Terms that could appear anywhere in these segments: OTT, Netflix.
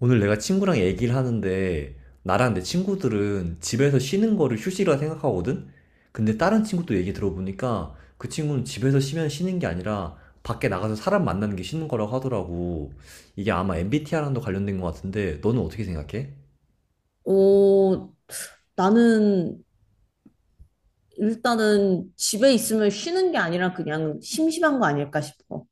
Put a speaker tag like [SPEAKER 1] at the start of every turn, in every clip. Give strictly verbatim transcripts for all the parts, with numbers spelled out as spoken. [SPEAKER 1] 오늘 내가 친구랑 얘기를 하는데 나랑 내 친구들은 집에서 쉬는 거를 휴식이라 생각하거든? 근데 다른 친구도 얘기 들어보니까 그 친구는 집에서 쉬면 쉬는 게 아니라 밖에 나가서 사람 만나는 게 쉬는 거라고 하더라고. 이게 아마 엠비티아이랑도 관련된 것 같은데 너는 어떻게 생각해?
[SPEAKER 2] 어, 나는 일단은 집에 있으면 쉬는 게 아니라 그냥 심심한 거 아닐까 싶어.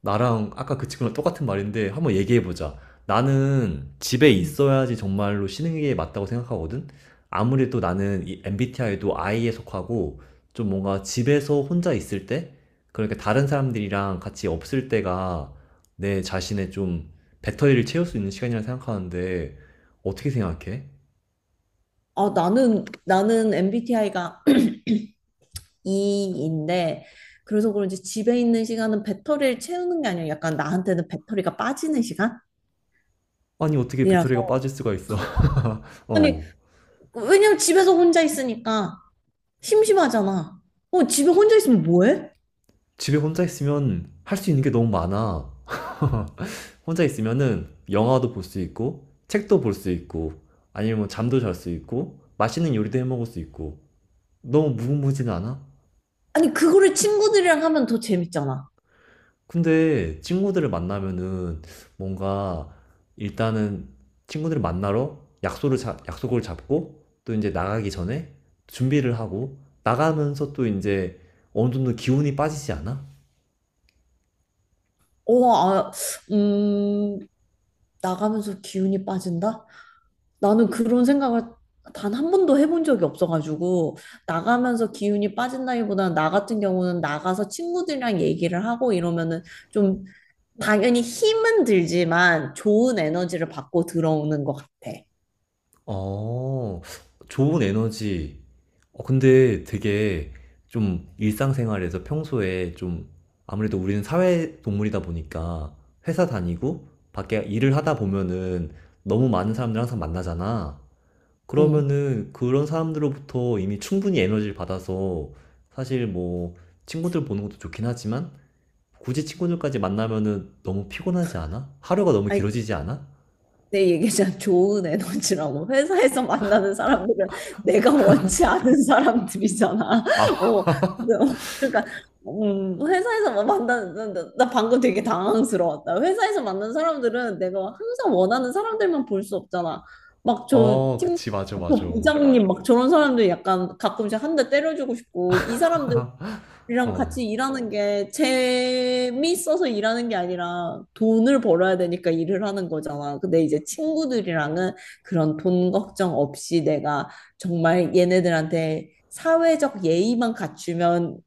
[SPEAKER 1] 나랑 아까 그 친구랑 똑같은 말인데 한번 얘기해보자. 나는 집에
[SPEAKER 2] 음.
[SPEAKER 1] 있어야지 정말로 쉬는 게 맞다고 생각하거든? 아무래도 나는 이 엠비티아이도 아이에 속하고 좀 뭔가 집에서 혼자 있을 때? 그러니까 다른 사람들이랑 같이 없을 때가 내 자신의 좀 배터리를 채울 수 있는 시간이라 생각하는데 어떻게 생각해?
[SPEAKER 2] 아, 나는, 나는 엠비티아이가 E인데, 그래서 그런지 집에 있는 시간은 배터리를 채우는 게 아니라 약간 나한테는 배터리가 빠지는 시간이라서.
[SPEAKER 1] 아니 어떻게 배터리가 빠질 수가 있어?
[SPEAKER 2] 아니,
[SPEAKER 1] 어.
[SPEAKER 2] 왜냐면 집에서 혼자 있으니까 심심하잖아. 어, 집에 혼자 있으면 뭐해?
[SPEAKER 1] 집에 혼자 있으면 할 수 있는 게 너무 많아. 혼자 있으면은 영화도 볼 수 있고, 책도 볼 수 있고, 아니면 뭐 잠도 잘 수 있고, 맛있는 요리도 해 먹을 수 있고. 너무 무궁무진 않아?
[SPEAKER 2] 아니, 그거를 친구들이랑 하면 더 재밌잖아.
[SPEAKER 1] 근데 친구들을 만나면은 뭔가 일단은 친구들을 만나러 약속을 자- 약속을 잡고 또 이제 나가기 전에 준비를 하고 나가면서 또 이제 어느 정도 기운이 빠지지 않아?
[SPEAKER 2] 어, 아, 음, 나가면서 기운이 빠진다? 나는 그런 생각을 단 한 번도 해본 적이 없어가지고, 나가면서 기운이 빠진다기보다는 나 같은 경우는 나가서 친구들이랑 얘기를 하고 이러면은 좀, 당연히 힘은 들지만 좋은 에너지를 받고 들어오는 것 같아.
[SPEAKER 1] 어. 좋은 에너지. 어 근데 되게 좀 일상생활에서 평소에 좀 아무래도 우리는 사회 동물이다 보니까 회사 다니고 밖에 일을 하다 보면은 너무 많은 사람들 항상 만나잖아.
[SPEAKER 2] 응.
[SPEAKER 1] 그러면은 그런 사람들로부터 이미 충분히 에너지를 받아서 사실 뭐 친구들 보는 것도 좋긴 하지만 굳이 친구들까지 만나면은 너무 피곤하지 않아? 하루가 너무 길어지지 않아?
[SPEAKER 2] 내 얘기잖아. 좋은 에너지라고. 회사에서 만나는 사람들은 내가 원치 않은 사람들이잖아.
[SPEAKER 1] 아,
[SPEAKER 2] 어, 그러니까, 음, 회사에서 뭐 만나는, 나, 나- 나 방금 되게 당황스러웠다. 회사에서 만나는 사람들은 내가 항상 원하는 사람들만 볼 수 없잖아. 막 저
[SPEAKER 1] 어,
[SPEAKER 2] 팀,
[SPEAKER 1] 그치, 맞아,
[SPEAKER 2] 저
[SPEAKER 1] 맞아.
[SPEAKER 2] 부장님, 막 저런 사람들 약간 가끔씩 한 대 때려주고 싶고, 이 사람들 이랑
[SPEAKER 1] 어.
[SPEAKER 2] 같이 일하는 게 재미있어서 일하는 게 아니라 돈을 벌어야 되니까 일을 하는 거잖아. 근데 이제 친구들이랑은 그런 돈 걱정 없이 내가 정말 얘네들한테 사회적 예의만 갖추면,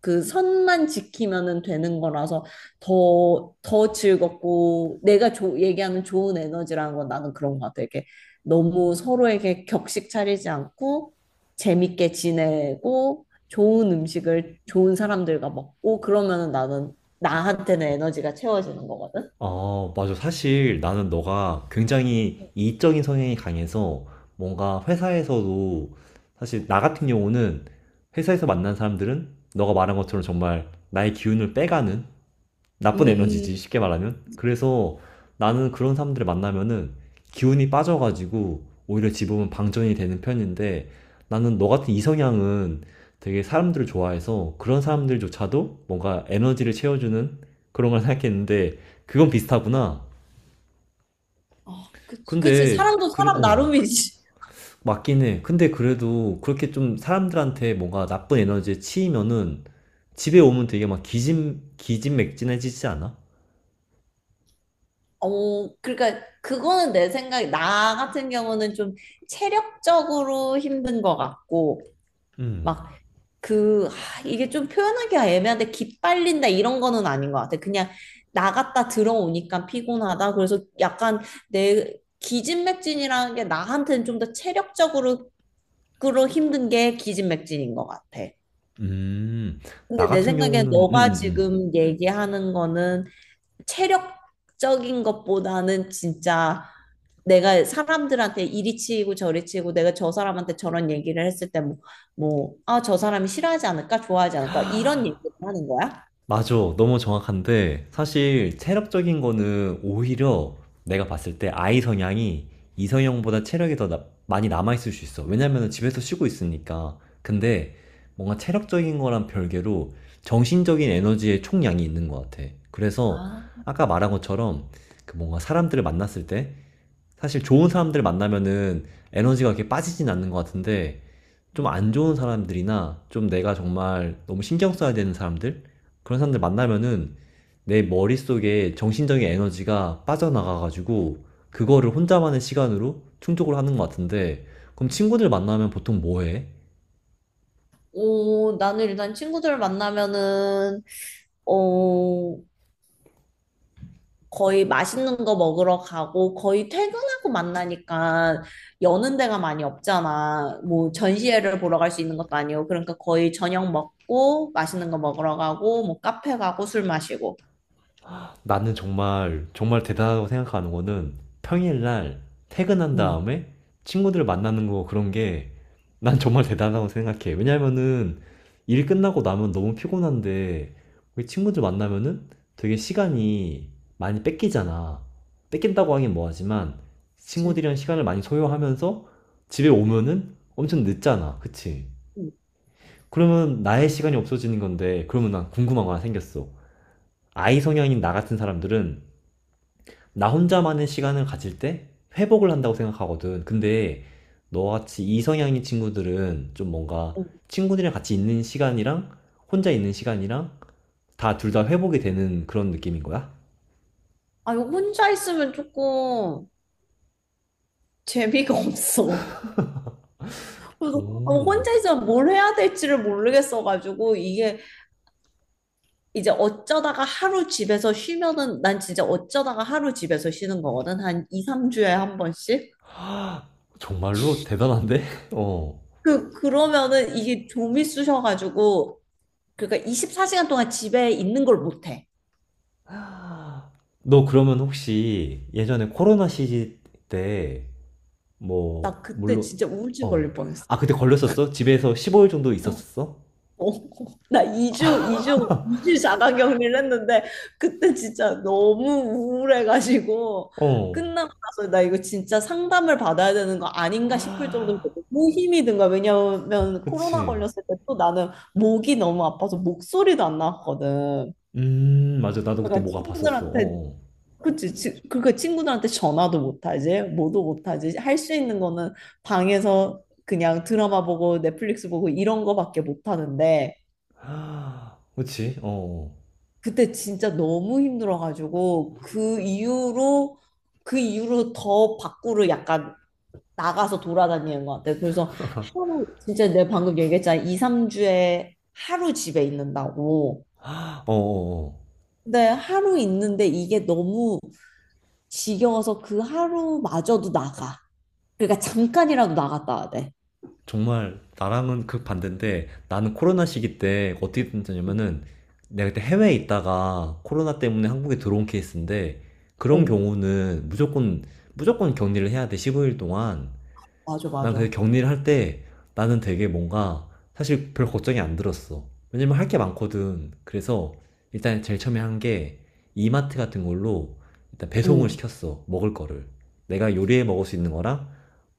[SPEAKER 2] 그 선만 지키면은 되는 거라서 더, 더 즐겁고, 내가 조, 얘기하는 좋은 에너지라는 건 나는 그런 것 같아. 이게 너무 서로에게 격식 차리지 않고 재밌게 지내고 좋은 음식을 좋은 사람들과 먹고 그러면은 나는, 나한테는 에너지가 채워지는 거거든.
[SPEAKER 1] 어, 맞아. 사실 나는 너가 굉장히 이익적인 성향이 강해서 뭔가 회사에서도 사실 나 같은 경우는 회사에서 만난 사람들은 너가 말한 것처럼 정말 나의 기운을 빼가는 나쁜
[SPEAKER 2] 음,
[SPEAKER 1] 에너지지, 쉽게 말하면. 그래서 나는 그런 사람들을 만나면은 기운이 빠져가지고 오히려 집으면 방전이 되는 편인데 나는 너 같은 이성향은 되게 사람들을 좋아해서 그런 사람들조차도 뭔가 에너지를 채워주는 그런 걸 생각했는데 그건 비슷하구나.
[SPEAKER 2] 아, 그치, 그치,
[SPEAKER 1] 근데
[SPEAKER 2] 사람도
[SPEAKER 1] 그래,
[SPEAKER 2] 사람
[SPEAKER 1] 어,
[SPEAKER 2] 나름이지.
[SPEAKER 1] 맞긴 해. 근데 그래도 그렇게 좀 사람들한테 뭔가 나쁜 에너지에 치이면은 집에 오면 되게 막 기진, 기진맥진해지지 않아?
[SPEAKER 2] 어, 그러니까 그거는 내 생각에 나 같은 경우는 좀 체력적으로 힘든 것 같고,
[SPEAKER 1] 음.
[SPEAKER 2] 막 그, 아, 이게 좀 표현하기가 애매한데, 기빨린다, 이런 거는 아닌 것 같아. 그냥 나갔다 들어오니까 피곤하다. 그래서 약간 내, 기진맥진이라는 게 나한테는 좀 더 체력적으로 그로 힘든 게 기진맥진인 것 같아.
[SPEAKER 1] 음. 나
[SPEAKER 2] 근데 내
[SPEAKER 1] 같은
[SPEAKER 2] 생각엔
[SPEAKER 1] 경우는
[SPEAKER 2] 너가
[SPEAKER 1] 음음음.
[SPEAKER 2] 지금 얘기하는 거는 체력적인 것보다는 진짜 내가 사람들한테 이리 치이고 저리 치이고 내가 저 사람한테 저런 얘기를 했을 때 뭐, 뭐, 아, 저 사람이 싫어하지 않을까, 좋아하지 않을까, 이런 얘기를 하는 거야?
[SPEAKER 1] 맞아. 너무 정확한데 사실 체력적인 거는 오히려 내가 봤을 때 아이 성향이 이성형보다 체력이 더 나- 많이 남아 있을 수 있어. 왜냐면은 집에서 쉬고 있으니까. 근데 뭔가 체력적인 거랑 별개로 정신적인 에너지의 총량이 있는 것 같아. 그래서
[SPEAKER 2] 아,
[SPEAKER 1] 아까 말한 것처럼 그 뭔가 사람들을 만났을 때 사실 좋은 사람들을 만나면은 에너지가 그렇게 빠지진 않는 것 같은데 좀 안 좋은 사람들이나 좀 내가 정말 너무 신경 써야 되는 사람들 그런 사람들 만나면은 내 머릿속에 정신적인 에너지가 빠져나가가지고 그거를 혼자만의 시간으로 충족을 하는 것 같은데 그럼 친구들 만나면 보통 뭐 해?
[SPEAKER 2] 오, 나는 일단 친구들 만나면은, 어, 거의 맛있는 거 먹으러 가고, 거의 퇴근하고 만나니까 여는 데가 많이 없잖아. 뭐 전시회를 보러 갈 수 있는 것도 아니고, 그러니까 거의 저녁 먹고 맛있는 거 먹으러 가고 뭐 카페 가고 술 마시고.
[SPEAKER 1] 나는 정말 정말 대단하다고 생각하는 거는 평일날 퇴근한
[SPEAKER 2] 음.
[SPEAKER 1] 다음에 친구들 만나는 거 그런 게 난 정말 대단하다고 생각해. 왜냐면은 일 끝나고 나면 너무 피곤한데 우리 친구들 만나면은 되게 시간이 많이 뺏기잖아. 뺏긴다고 하긴 뭐하지만
[SPEAKER 2] 그치?
[SPEAKER 1] 친구들이랑 시간을 많이 소요하면서 집에 오면은 엄청 늦잖아. 그치?
[SPEAKER 2] 응,
[SPEAKER 1] 그러면 나의 시간이 없어지는 건데 그러면 난 궁금한 거 하나 생겼어. 아이 성향인 나 같은 사람들은 나 혼자만의 시간을 가질 때 회복을 한다고 생각하거든. 근데 너같이 이성향인 친구들은 좀 뭔가
[SPEAKER 2] 응.
[SPEAKER 1] 친구들이랑 같이 있는 시간이랑 혼자 있는 시간이랑 다 둘 다 회복이 되는 그런 느낌인 거야?
[SPEAKER 2] 아, 이거 혼자 있으면 조금 재미가 없어. 그래서 아,
[SPEAKER 1] 오,
[SPEAKER 2] 혼자 있으면 뭘 해야 될지를 모르겠어가지고, 이게 이제 어쩌다가 하루 집에서 쉬면은, 난 진짜 어쩌다가 하루 집에서 쉬는 거거든. 한 이, 삼 주에 한 번씩.
[SPEAKER 1] 정말로 대단한데? 어.
[SPEAKER 2] 그, 그러면은 이게 좀미 쑤셔가지고, 그러니까 이십사 시간 동안 집에 있는 걸 못해.
[SPEAKER 1] 너 그러면 혹시 예전에 코로나 시기 때 뭐
[SPEAKER 2] 나 그때
[SPEAKER 1] 물론
[SPEAKER 2] 진짜 우울증 걸릴
[SPEAKER 1] 어.
[SPEAKER 2] 뻔했어.
[SPEAKER 1] 아, 그때 걸렸었어? 집에서 십오 일 정도 있었었어?
[SPEAKER 2] 어, 어. 나 이 주, 이 주, 이 주 자가 격리를 했는데, 그때 진짜 너무 우울해가지고,
[SPEAKER 1] 어.
[SPEAKER 2] 끝나고 나서 나 이거 진짜 상담을 받아야 되는 거 아닌가 싶을 정도로 너무 힘이 든 거야. 왜냐면 코로나
[SPEAKER 1] 그치.
[SPEAKER 2] 걸렸을 때 또 나는 목이 너무 아파서 목소리도 안 나왔거든.
[SPEAKER 1] 음 맞아. 나도 그때
[SPEAKER 2] 그러니까
[SPEAKER 1] 목 아팠었어.
[SPEAKER 2] 친구들한테
[SPEAKER 1] 어어.
[SPEAKER 2] 그치, 지, 그러니까 친구들한테 전화도 못하지, 뭐도 못하지. 할 수 있는 거는 방에서 그냥 드라마 보고 넷플릭스 보고 이런 거밖에 못하는데,
[SPEAKER 1] 하, 그치? 어어.
[SPEAKER 2] 그때 진짜 너무 힘들어가지고, 그 이후로, 그 이후로 더 밖으로 약간 나가서 돌아다니는 것 같아. 그래서 하루, 진짜 내가 방금 얘기했잖아. 이, 삼 주에 하루 집에 있는다고.
[SPEAKER 1] 하, 어어어.
[SPEAKER 2] 근데 하루 있는데 이게 너무 지겨워서 그 하루마저도 나가. 그러니까 잠깐이라도 나갔다 와야 돼.
[SPEAKER 1] 정말 나랑은 극반대인데 나는 코로나 시기 때 어떻게 됐냐면은 내가 그때 해외에 있다가 코로나 때문에 한국에 들어온 케이스인데 그런
[SPEAKER 2] 어,
[SPEAKER 1] 경우는 무조건 무조건 격리를 해야 돼. 십오 일 동안.
[SPEAKER 2] 맞아,
[SPEAKER 1] 난 근데
[SPEAKER 2] 맞아.
[SPEAKER 1] 격리를 할 때 나는 되게 뭔가 사실 별 걱정이 안 들었어. 왜냐면 할게 많거든. 그래서 일단 제일 처음에 한 게 이마트 같은 걸로 일단 배송을
[SPEAKER 2] 응.
[SPEAKER 1] 시켰어. 먹을 거를. 내가 요리해 먹을 수 있는 거랑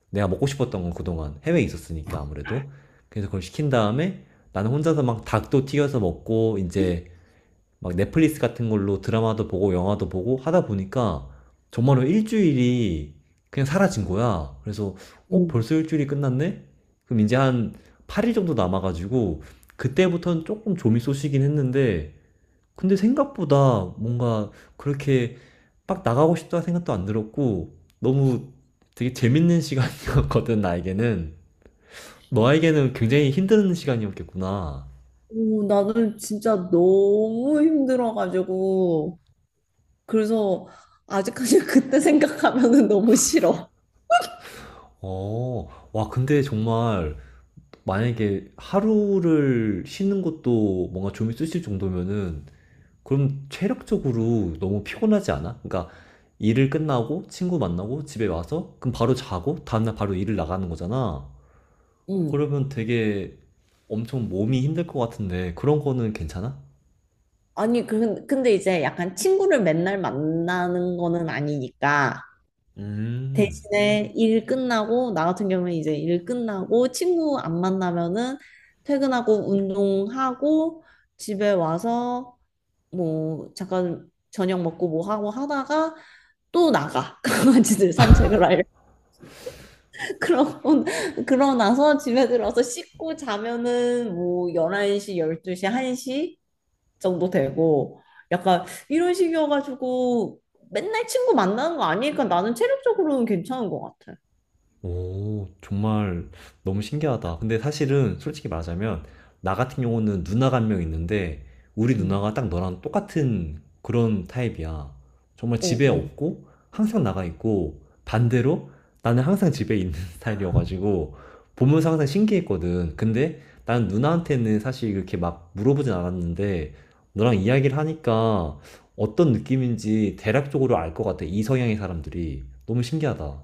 [SPEAKER 1] 내가 먹고 싶었던 건 그동안 해외에 있었으니까 아무래도. 그래서 그걸 시킨 다음에 나는 혼자서 막 닭도 튀겨서 먹고 이제 막 넷플릭스 같은 걸로 드라마도 보고 영화도 보고 하다 보니까 정말로 일주일이 그냥 사라진 거야. 그래서 어,
[SPEAKER 2] 응.
[SPEAKER 1] 벌써 일주일이 끝났네? 그럼 이제 한 팔 일 정도 남아가지고 그때부터는 조금 좀이 쏘시긴 했는데 근데 생각보다 뭔가 그렇게 빡 나가고 싶다 생각도 안 들었고 너무 되게 재밌는 시간이었거든 나에게는 너에게는 굉장히 힘든 시간이었겠구나.
[SPEAKER 2] 오, 나는 진짜 너무 힘들어가지고. 그래서 아직까지 그때 생각하면은 너무 싫어.
[SPEAKER 1] 어, 와 근데 정말 만약에 하루를 쉬는 것도 뭔가 좀이 쓰실 정도면은 그럼 체력적으로 너무 피곤하지 않아? 그러니까 일을 끝나고 친구 만나고 집에 와서 그럼 바로 자고 다음날 바로 일을 나가는 거잖아.
[SPEAKER 2] 응.
[SPEAKER 1] 그러면 되게 엄청 몸이 힘들 것 같은데 그런 거는 괜찮아?
[SPEAKER 2] 아니, 그, 근데 이제 약간 친구를 맨날 만나는 거는 아니니까.
[SPEAKER 1] 음.
[SPEAKER 2] 대신에 일 끝나고, 나 같은 경우는 이제 일 끝나고 친구 안 만나면은, 퇴근하고, 운동하고, 집에 와서 뭐 잠깐 저녁 먹고 뭐 하고 하다가, 또 나가 강아지들 산책을 할 그러고, 그러고 나서 집에 들어서 씻고 자면은 뭐 열한 시, 열두 시, 한 시 정도 되고 약간 이런 식이어가지고, 맨날 친구 만나는 거 아니니까 나는 체력적으로는 괜찮은 것 같아.
[SPEAKER 1] 오, 정말 너무 신기하다. 근데 사실은 솔직히 말하자면, 나 같은 경우는 누나가 한 명 있는데, 우리
[SPEAKER 2] 음.
[SPEAKER 1] 누나가 딱 너랑 똑같은 그런 타입이야. 정말
[SPEAKER 2] 어,
[SPEAKER 1] 집에
[SPEAKER 2] 어.
[SPEAKER 1] 없고, 항상 나가 있고, 반대로 나는 항상 집에 있는 스타일이어가지고, 보면서 항상 신기했거든. 근데 난 누나한테는 사실 그렇게 막 물어보진 않았는데, 너랑 이야기를 하니까 어떤 느낌인지 대략적으로 알 것 같아. 이 성향의 사람들이. 너무 신기하다.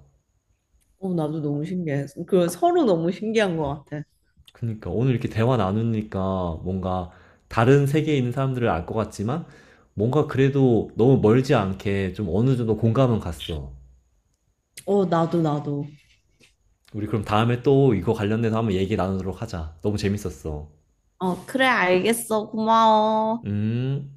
[SPEAKER 2] 어, 나도 너무 신기해. 그 서로 너무 신기한 것 같아.
[SPEAKER 1] 그니까 오늘 이렇게 대화 나누니까 뭔가 다른 세계에 있는 사람들을 알 것 같지만 뭔가 그래도 너무 멀지 않게 좀 어느 정도 공감은 갔어.
[SPEAKER 2] 어, 나도, 나도.
[SPEAKER 1] 우리 그럼 다음에 또 이거 관련돼서 한번 얘기 나누도록 하자. 너무 재밌었어.
[SPEAKER 2] 어, 그래, 알겠어. 고마워.
[SPEAKER 1] 음.